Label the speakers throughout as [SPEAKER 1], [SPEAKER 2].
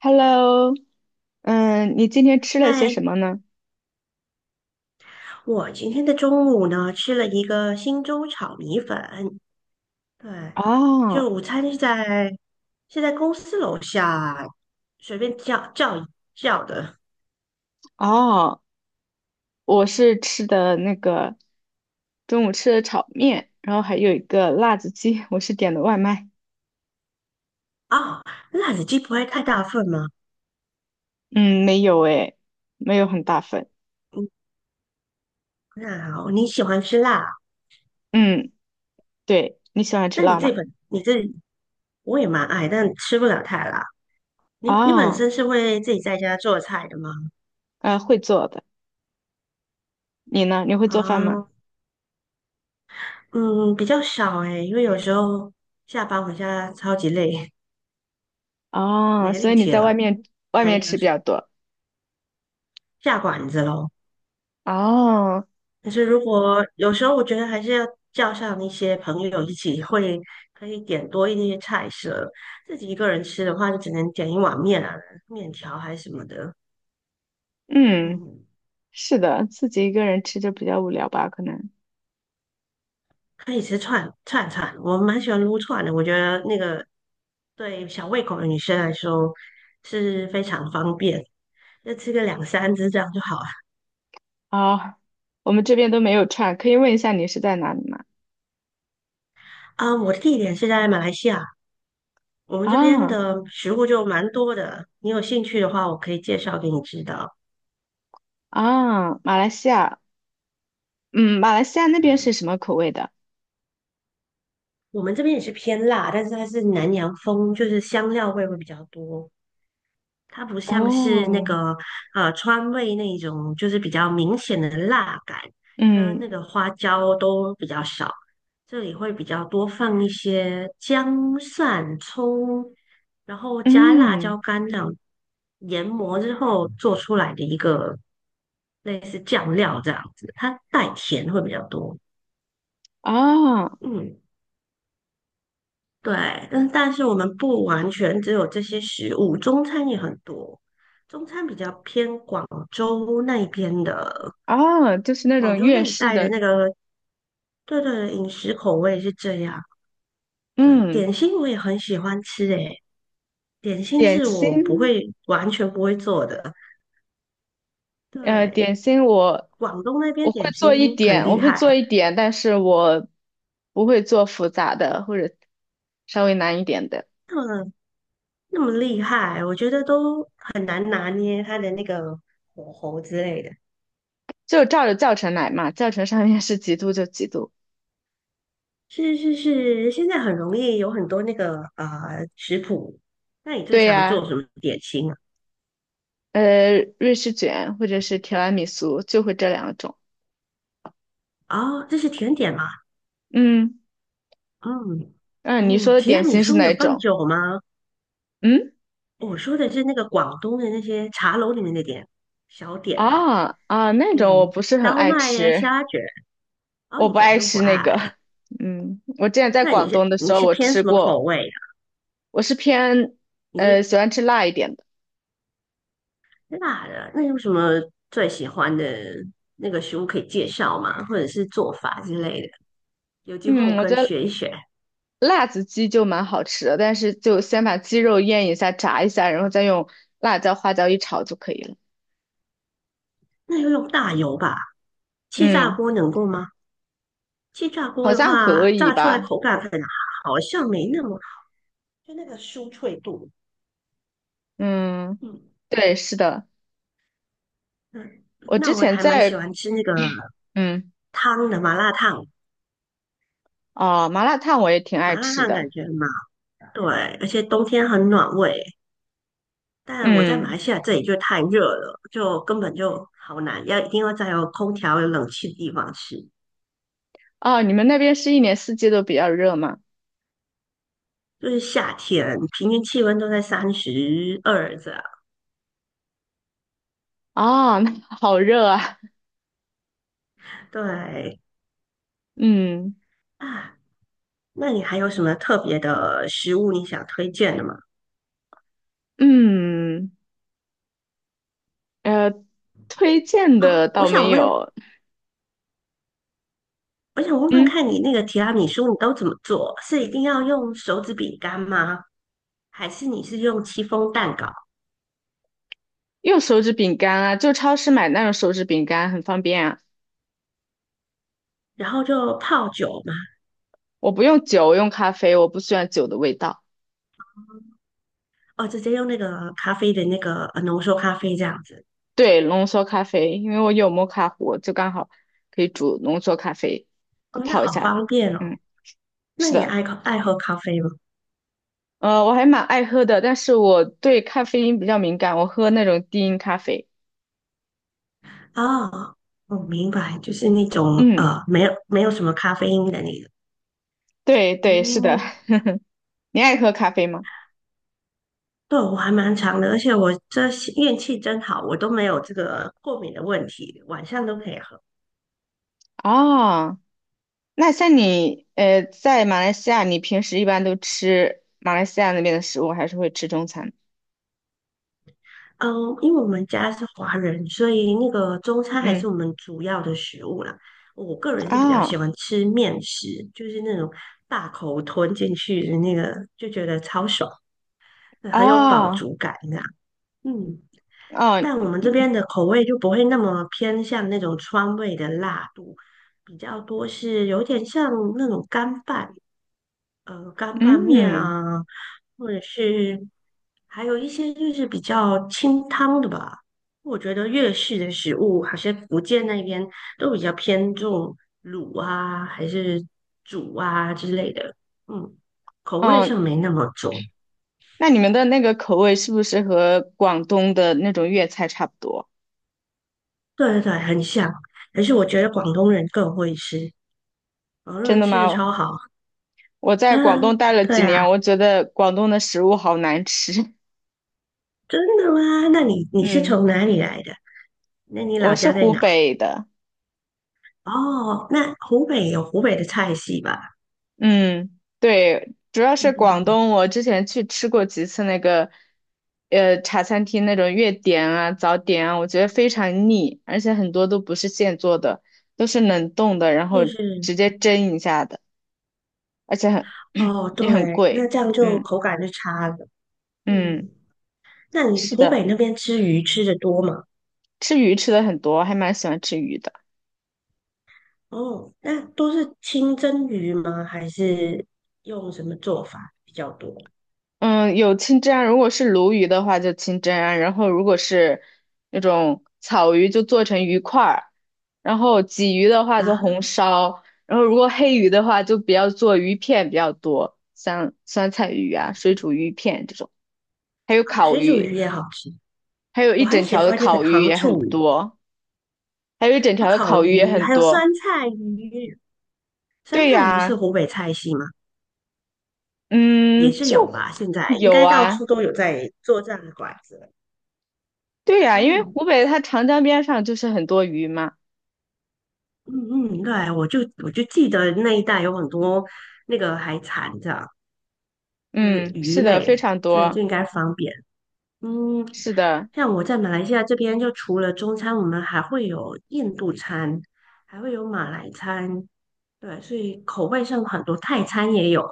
[SPEAKER 1] Hello。你今天吃了些
[SPEAKER 2] 嗨，
[SPEAKER 1] 什么呢？
[SPEAKER 2] 我今天的中午呢吃了一个新州炒米粉，对，
[SPEAKER 1] 哦
[SPEAKER 2] 就午餐是在公司楼下随便叫的
[SPEAKER 1] 哦，我是吃的那个中午吃的炒面，然后还有一个辣子鸡，我是点的外卖。
[SPEAKER 2] 哦，辣子鸡不会太大份吗？
[SPEAKER 1] 嗯，没有诶，没有很大份。
[SPEAKER 2] 那好，你喜欢吃辣，
[SPEAKER 1] 嗯，对，你喜欢吃
[SPEAKER 2] 那你
[SPEAKER 1] 辣
[SPEAKER 2] 这
[SPEAKER 1] 吗？
[SPEAKER 2] 本你这我也蛮爱，但吃不了太辣。你本
[SPEAKER 1] 啊，
[SPEAKER 2] 身是会自己在家做菜的吗？
[SPEAKER 1] 会做的。你呢？你会做饭吗？
[SPEAKER 2] 啊，嗯，比较少诶，因为有时候下班回家超级累，
[SPEAKER 1] 哦，
[SPEAKER 2] 没
[SPEAKER 1] 所以
[SPEAKER 2] 力
[SPEAKER 1] 你
[SPEAKER 2] 气
[SPEAKER 1] 在外
[SPEAKER 2] 了。
[SPEAKER 1] 面
[SPEAKER 2] 对。
[SPEAKER 1] 吃比较多。
[SPEAKER 2] 下馆子喽，
[SPEAKER 1] 哦，
[SPEAKER 2] 可是如果有时候我觉得还是要叫上一些朋友一起会，可以点多一些菜色。自己一个人吃的话，就只能点一碗面啊，面条还是什么的。
[SPEAKER 1] 嗯，
[SPEAKER 2] 嗯，
[SPEAKER 1] 是的，自己一个人吃就比较无聊吧，可能。
[SPEAKER 2] 可以吃串串，我蛮喜欢撸串的，我觉得那个对小胃口的女生来说是非常方便，就吃个两三只这样就好了。
[SPEAKER 1] 啊，我们这边都没有串，可以问一下你是在哪里吗？
[SPEAKER 2] 啊、我的地点是在马来西亚。我们这边
[SPEAKER 1] 啊
[SPEAKER 2] 的食物就蛮多的，你有兴趣的话，我可以介绍给你知道。
[SPEAKER 1] 啊，马来西亚，嗯，马来西亚那边是什么口味的？
[SPEAKER 2] 我们这边也是偏辣，但是它是南洋风，就是香料味会比较多。它不像是那
[SPEAKER 1] 哦，
[SPEAKER 2] 个川味那一种，就是比较明显的辣感，跟那
[SPEAKER 1] 嗯
[SPEAKER 2] 个花椒都比较少。这里会比较多放一些姜、蒜、葱，然后加辣椒
[SPEAKER 1] 嗯，
[SPEAKER 2] 干这样研磨之后做出来的一个类似酱料这样子，它带甜会比较多。
[SPEAKER 1] 啊
[SPEAKER 2] 嗯。对，但是我们不完全只有这些食物，中餐也很多。中餐比较偏广州那一边的，
[SPEAKER 1] 啊，就是那
[SPEAKER 2] 广
[SPEAKER 1] 种
[SPEAKER 2] 州
[SPEAKER 1] 粤
[SPEAKER 2] 那一
[SPEAKER 1] 式
[SPEAKER 2] 带的
[SPEAKER 1] 的，
[SPEAKER 2] 那个，对对，饮食口味是这样。对，
[SPEAKER 1] 嗯，
[SPEAKER 2] 点心我也很喜欢吃，诶，点心
[SPEAKER 1] 点
[SPEAKER 2] 是我不
[SPEAKER 1] 心，
[SPEAKER 2] 会完全不会做的。
[SPEAKER 1] 点
[SPEAKER 2] 对，
[SPEAKER 1] 心我
[SPEAKER 2] 广东那
[SPEAKER 1] 我
[SPEAKER 2] 边
[SPEAKER 1] 会
[SPEAKER 2] 点心
[SPEAKER 1] 做一
[SPEAKER 2] 很
[SPEAKER 1] 点，
[SPEAKER 2] 厉害，
[SPEAKER 1] 但是我不会做复杂的或者稍微难一点的，
[SPEAKER 2] 那么那么厉害，我觉得都很难拿捏它的那个火候之类的。
[SPEAKER 1] 就照着教程来嘛，教程上面是几度就几度。
[SPEAKER 2] 是是是，现在很容易有很多那个食谱。那你最
[SPEAKER 1] 对
[SPEAKER 2] 常
[SPEAKER 1] 呀，
[SPEAKER 2] 做什么点心啊？
[SPEAKER 1] 瑞士卷或者是提拉米苏，就会这两种。
[SPEAKER 2] 哦，这是甜点吗？
[SPEAKER 1] 嗯
[SPEAKER 2] 嗯
[SPEAKER 1] 嗯，你说
[SPEAKER 2] 嗯，
[SPEAKER 1] 的
[SPEAKER 2] 提拉
[SPEAKER 1] 点
[SPEAKER 2] 米
[SPEAKER 1] 心是
[SPEAKER 2] 苏
[SPEAKER 1] 哪
[SPEAKER 2] 有
[SPEAKER 1] 一
[SPEAKER 2] 放
[SPEAKER 1] 种？
[SPEAKER 2] 酒吗？
[SPEAKER 1] 嗯
[SPEAKER 2] 我说的是那个广东的那些茶楼里面的小点吧，
[SPEAKER 1] 啊啊，那
[SPEAKER 2] 那
[SPEAKER 1] 种我
[SPEAKER 2] 种
[SPEAKER 1] 不是很
[SPEAKER 2] 烧
[SPEAKER 1] 爱
[SPEAKER 2] 麦呀、
[SPEAKER 1] 吃，
[SPEAKER 2] 虾卷。哦，
[SPEAKER 1] 我
[SPEAKER 2] 你
[SPEAKER 1] 不
[SPEAKER 2] 本
[SPEAKER 1] 爱
[SPEAKER 2] 身不
[SPEAKER 1] 吃那个。
[SPEAKER 2] 爱，
[SPEAKER 1] 嗯，我之前在
[SPEAKER 2] 那你
[SPEAKER 1] 广东的时候我
[SPEAKER 2] 偏
[SPEAKER 1] 吃
[SPEAKER 2] 什么口
[SPEAKER 1] 过，
[SPEAKER 2] 味啊？
[SPEAKER 1] 我是偏
[SPEAKER 2] 你是
[SPEAKER 1] 喜欢吃辣一点的。
[SPEAKER 2] 辣的，那有什么最喜欢的那个食物可以介绍吗？或者是做法之类的？有机会我
[SPEAKER 1] 嗯，我
[SPEAKER 2] 可
[SPEAKER 1] 觉
[SPEAKER 2] 以
[SPEAKER 1] 得
[SPEAKER 2] 学一学。
[SPEAKER 1] 辣子鸡就蛮好吃的，但是就先把鸡肉腌一下、炸一下，然后再用辣椒、花椒一炒就可以了。
[SPEAKER 2] 那要用大油吧？气炸
[SPEAKER 1] 嗯，
[SPEAKER 2] 锅能够吗？气炸锅
[SPEAKER 1] 好
[SPEAKER 2] 的
[SPEAKER 1] 像可
[SPEAKER 2] 话，
[SPEAKER 1] 以
[SPEAKER 2] 炸出来
[SPEAKER 1] 吧？
[SPEAKER 2] 口感可能好像没那么，就那个酥脆度。
[SPEAKER 1] 嗯，
[SPEAKER 2] 嗯
[SPEAKER 1] 对，是的。
[SPEAKER 2] 嗯，
[SPEAKER 1] 我之
[SPEAKER 2] 那我
[SPEAKER 1] 前
[SPEAKER 2] 还蛮喜
[SPEAKER 1] 在
[SPEAKER 2] 欢吃那个
[SPEAKER 1] 嗯
[SPEAKER 2] 汤的麻辣烫，
[SPEAKER 1] 哦麻辣烫我也挺爱
[SPEAKER 2] 麻辣
[SPEAKER 1] 吃
[SPEAKER 2] 烫
[SPEAKER 1] 的。
[SPEAKER 2] 感觉嘛，对，而且冬天很暖胃。但我在马
[SPEAKER 1] 嗯
[SPEAKER 2] 来西亚这里就太热了，就根本就好难，要一定要在有空调、有冷气的地方吃。
[SPEAKER 1] 哦你们那边是一年四季都比较热吗？
[SPEAKER 2] 就是夏天，平均气温都在32这样，
[SPEAKER 1] 啊、那好热啊，
[SPEAKER 2] 对。
[SPEAKER 1] 嗯
[SPEAKER 2] 啊，那你还有什么特别的食物你想推荐的吗？
[SPEAKER 1] 嗯呃推荐的
[SPEAKER 2] 哦，我
[SPEAKER 1] 倒没
[SPEAKER 2] 想问，
[SPEAKER 1] 有。
[SPEAKER 2] 我想问问
[SPEAKER 1] 嗯
[SPEAKER 2] 看你那个提拉米苏你都怎么做？是一定要用手指饼干吗？还是你是用戚风蛋糕，
[SPEAKER 1] 用手指饼干啊，就超市买那种手指饼干很方便啊。
[SPEAKER 2] 然后就泡酒吗？
[SPEAKER 1] 我不用酒，我用咖啡，我不喜欢酒的味道。
[SPEAKER 2] 哦，直接用那个咖啡的那个浓缩咖啡这样子。
[SPEAKER 1] 对浓缩咖啡，因为我有摩卡壶，就刚好可以煮浓缩咖啡，就
[SPEAKER 2] 哦，那
[SPEAKER 1] 泡一
[SPEAKER 2] 好
[SPEAKER 1] 下，
[SPEAKER 2] 方便哦。
[SPEAKER 1] 嗯。
[SPEAKER 2] 那
[SPEAKER 1] 是
[SPEAKER 2] 你
[SPEAKER 1] 的。
[SPEAKER 2] 爱喝咖啡吗？
[SPEAKER 1] 呃，我还蛮爱喝的，但是我对咖啡因比较敏感，我喝那种低因咖啡。
[SPEAKER 2] 哦，我明白，就是那种
[SPEAKER 1] 嗯，
[SPEAKER 2] 没有什么咖啡因的那个。
[SPEAKER 1] 对对，是的。
[SPEAKER 2] 嗯，
[SPEAKER 1] 你爱喝咖啡吗？
[SPEAKER 2] 对，我还蛮长的，而且我这些运气真好，我都没有这个过敏的问题，晚上都可以喝。
[SPEAKER 1] 啊，那像你在马来西亚，你平时一般都吃马来西亚那边的食物，还是会吃中餐？
[SPEAKER 2] 嗯，因为我们家是华人，所以那个中餐还是
[SPEAKER 1] 嗯，
[SPEAKER 2] 我们主要的食物啦。我个人是比较
[SPEAKER 1] 啊
[SPEAKER 2] 喜欢吃面食，就是那种大口吞进去的那个，就觉得超爽，很有饱
[SPEAKER 1] 啊
[SPEAKER 2] 足感这样。嗯，
[SPEAKER 1] 啊，
[SPEAKER 2] 但我们这边的口味就不会那么偏向那种川味的辣度，比较多是有点像那种干拌。干拌面
[SPEAKER 1] 嗯
[SPEAKER 2] 啊，或者是还有一些就是比较清汤的吧。我觉得粤式的食物，好像福建那边都比较偏重卤啊，还是煮啊之类的，嗯，口味
[SPEAKER 1] 哦。
[SPEAKER 2] 上没那么重。
[SPEAKER 1] 那你们的那个口味是不是和广东的那种粤菜差不多？
[SPEAKER 2] 对对对，很像。可是我觉得广东人更会吃，广东
[SPEAKER 1] 真
[SPEAKER 2] 人
[SPEAKER 1] 的
[SPEAKER 2] 吃的
[SPEAKER 1] 吗？
[SPEAKER 2] 超好。
[SPEAKER 1] 我 在
[SPEAKER 2] 啊，
[SPEAKER 1] 广东待了
[SPEAKER 2] 对
[SPEAKER 1] 几
[SPEAKER 2] 啊，
[SPEAKER 1] 年，我觉得广东的食物好难吃。
[SPEAKER 2] 真的吗？那你
[SPEAKER 1] 嗯，
[SPEAKER 2] 从哪里来的？那你
[SPEAKER 1] 我
[SPEAKER 2] 老
[SPEAKER 1] 是
[SPEAKER 2] 家在
[SPEAKER 1] 湖
[SPEAKER 2] 哪？
[SPEAKER 1] 北的。
[SPEAKER 2] 哦，那湖北有湖北的菜系吧？
[SPEAKER 1] 嗯，对，主要是广
[SPEAKER 2] 嗯，
[SPEAKER 1] 东。我之前去吃过几次那个，呃，茶餐厅那种粤点啊、早点啊，我觉得非常腻，而且很多都不是现做的，都是冷冻的，然后
[SPEAKER 2] 是是，
[SPEAKER 1] 直接蒸一下的，而且很
[SPEAKER 2] 哦，
[SPEAKER 1] 也很
[SPEAKER 2] 对，那
[SPEAKER 1] 贵。
[SPEAKER 2] 这样就
[SPEAKER 1] 嗯
[SPEAKER 2] 口感就差了。
[SPEAKER 1] 嗯，
[SPEAKER 2] 嗯，那你
[SPEAKER 1] 是
[SPEAKER 2] 湖北
[SPEAKER 1] 的，
[SPEAKER 2] 那边吃鱼吃的多吗？
[SPEAKER 1] 吃鱼吃的很多，还蛮喜欢吃鱼的。
[SPEAKER 2] 哦，那都是清蒸鱼吗？还是用什么做法比较多？
[SPEAKER 1] 嗯，有清蒸啊，如果是鲈鱼的话就清蒸啊，然后如果是那种草鱼就做成鱼块儿，然后鲫鱼的话
[SPEAKER 2] 啊
[SPEAKER 1] 就红烧，然后如果黑鱼的话就比较做鱼片比较多，像酸菜鱼啊、水煮鱼片这种，还有
[SPEAKER 2] 啊，
[SPEAKER 1] 烤
[SPEAKER 2] 水煮鱼
[SPEAKER 1] 鱼，
[SPEAKER 2] 也好吃，
[SPEAKER 1] 还有
[SPEAKER 2] 我
[SPEAKER 1] 一
[SPEAKER 2] 还
[SPEAKER 1] 整
[SPEAKER 2] 喜
[SPEAKER 1] 条的
[SPEAKER 2] 欢那个
[SPEAKER 1] 烤鱼
[SPEAKER 2] 糖
[SPEAKER 1] 也很
[SPEAKER 2] 醋鱼、
[SPEAKER 1] 多，还有一整条的
[SPEAKER 2] 烤
[SPEAKER 1] 烤鱼也
[SPEAKER 2] 鱼，
[SPEAKER 1] 很
[SPEAKER 2] 还有
[SPEAKER 1] 多。
[SPEAKER 2] 酸菜鱼。酸
[SPEAKER 1] 对
[SPEAKER 2] 菜鱼是
[SPEAKER 1] 呀，
[SPEAKER 2] 湖北菜系吗？也
[SPEAKER 1] 嗯，
[SPEAKER 2] 是
[SPEAKER 1] 就
[SPEAKER 2] 有吧，现在应
[SPEAKER 1] 有
[SPEAKER 2] 该到处
[SPEAKER 1] 啊，
[SPEAKER 2] 都有在做这样的馆子了
[SPEAKER 1] 对呀，因为
[SPEAKER 2] 嗯。
[SPEAKER 1] 湖北它长江边上就是很多鱼嘛。
[SPEAKER 2] 嗯嗯，对，我就记得那一带有很多那个海产，这样就是
[SPEAKER 1] 嗯，
[SPEAKER 2] 鱼
[SPEAKER 1] 是的，
[SPEAKER 2] 类，
[SPEAKER 1] 非常
[SPEAKER 2] 所以就
[SPEAKER 1] 多，
[SPEAKER 2] 应该方便。嗯，
[SPEAKER 1] 是的，
[SPEAKER 2] 像我在马来西亚这边，就除了中餐，我们还会有印度餐，还会有马来餐，对，所以口味上很多，泰餐也有，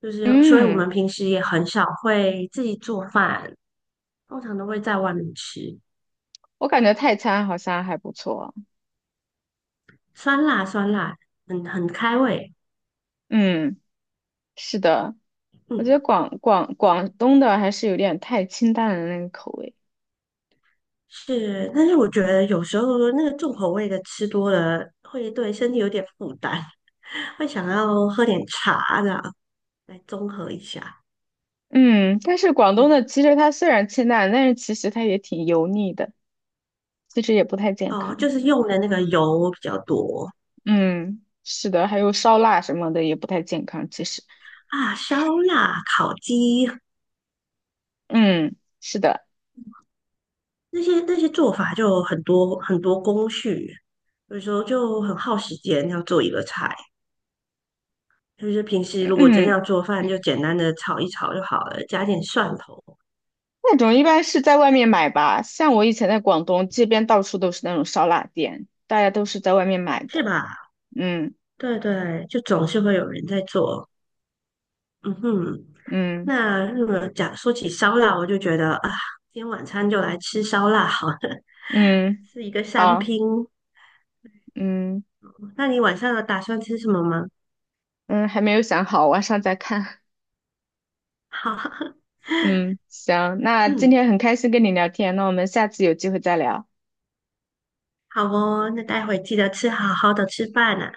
[SPEAKER 2] 就是所以我们
[SPEAKER 1] 嗯，
[SPEAKER 2] 平时也很少会自己做饭，通常都会在外面吃，
[SPEAKER 1] 我感觉泰餐好像还不错。
[SPEAKER 2] 酸辣酸辣，很开胃。
[SPEAKER 1] 嗯，是的，我觉得
[SPEAKER 2] 嗯。
[SPEAKER 1] 广东的还是有点太清淡的那个口味。
[SPEAKER 2] 是，但是我觉得有时候那个重口味的吃多了，会对身体有点负担，会想要喝点茶这样来综合一下。
[SPEAKER 1] 嗯，但是广东
[SPEAKER 2] 对，
[SPEAKER 1] 的其实它虽然清淡，但是其实它也挺油腻的，其实也不太健
[SPEAKER 2] 哦，
[SPEAKER 1] 康。
[SPEAKER 2] 就是用的那个油比较多
[SPEAKER 1] 嗯，是的，还有烧腊什么的也不太健康，其实，
[SPEAKER 2] 啊，烧腊、烤鸡
[SPEAKER 1] 嗯，是的，
[SPEAKER 2] 那些做法就很多很多工序，有时候就很耗时间要做一个菜。就是平时如果真
[SPEAKER 1] 嗯。
[SPEAKER 2] 要做饭，就简单的炒一炒就好了，加点蒜头，
[SPEAKER 1] 那种一般是在外面买吧，像我以前在广东这边，到处都是那种烧腊店，大家都是在外面买
[SPEAKER 2] 是
[SPEAKER 1] 的。
[SPEAKER 2] 吧？
[SPEAKER 1] 嗯
[SPEAKER 2] 对对，就总是会有人在做。嗯哼，
[SPEAKER 1] 嗯
[SPEAKER 2] 那日本讲说起烧腊，我就觉得啊，今天晚餐就来吃烧腊好了，
[SPEAKER 1] 嗯，
[SPEAKER 2] 是一个三
[SPEAKER 1] 好，
[SPEAKER 2] 拼。
[SPEAKER 1] 嗯
[SPEAKER 2] 那你晚上有打算吃什么吗？
[SPEAKER 1] 嗯，还没有想好，晚上再看。
[SPEAKER 2] 好，
[SPEAKER 1] 嗯，行，那今
[SPEAKER 2] 嗯，
[SPEAKER 1] 天很开心跟你聊天，那我们下次有机会再聊。
[SPEAKER 2] 好哦，那待会记得吃好好的吃饭啊，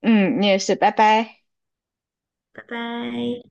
[SPEAKER 1] 嗯，你也是，拜拜。
[SPEAKER 2] 拜拜。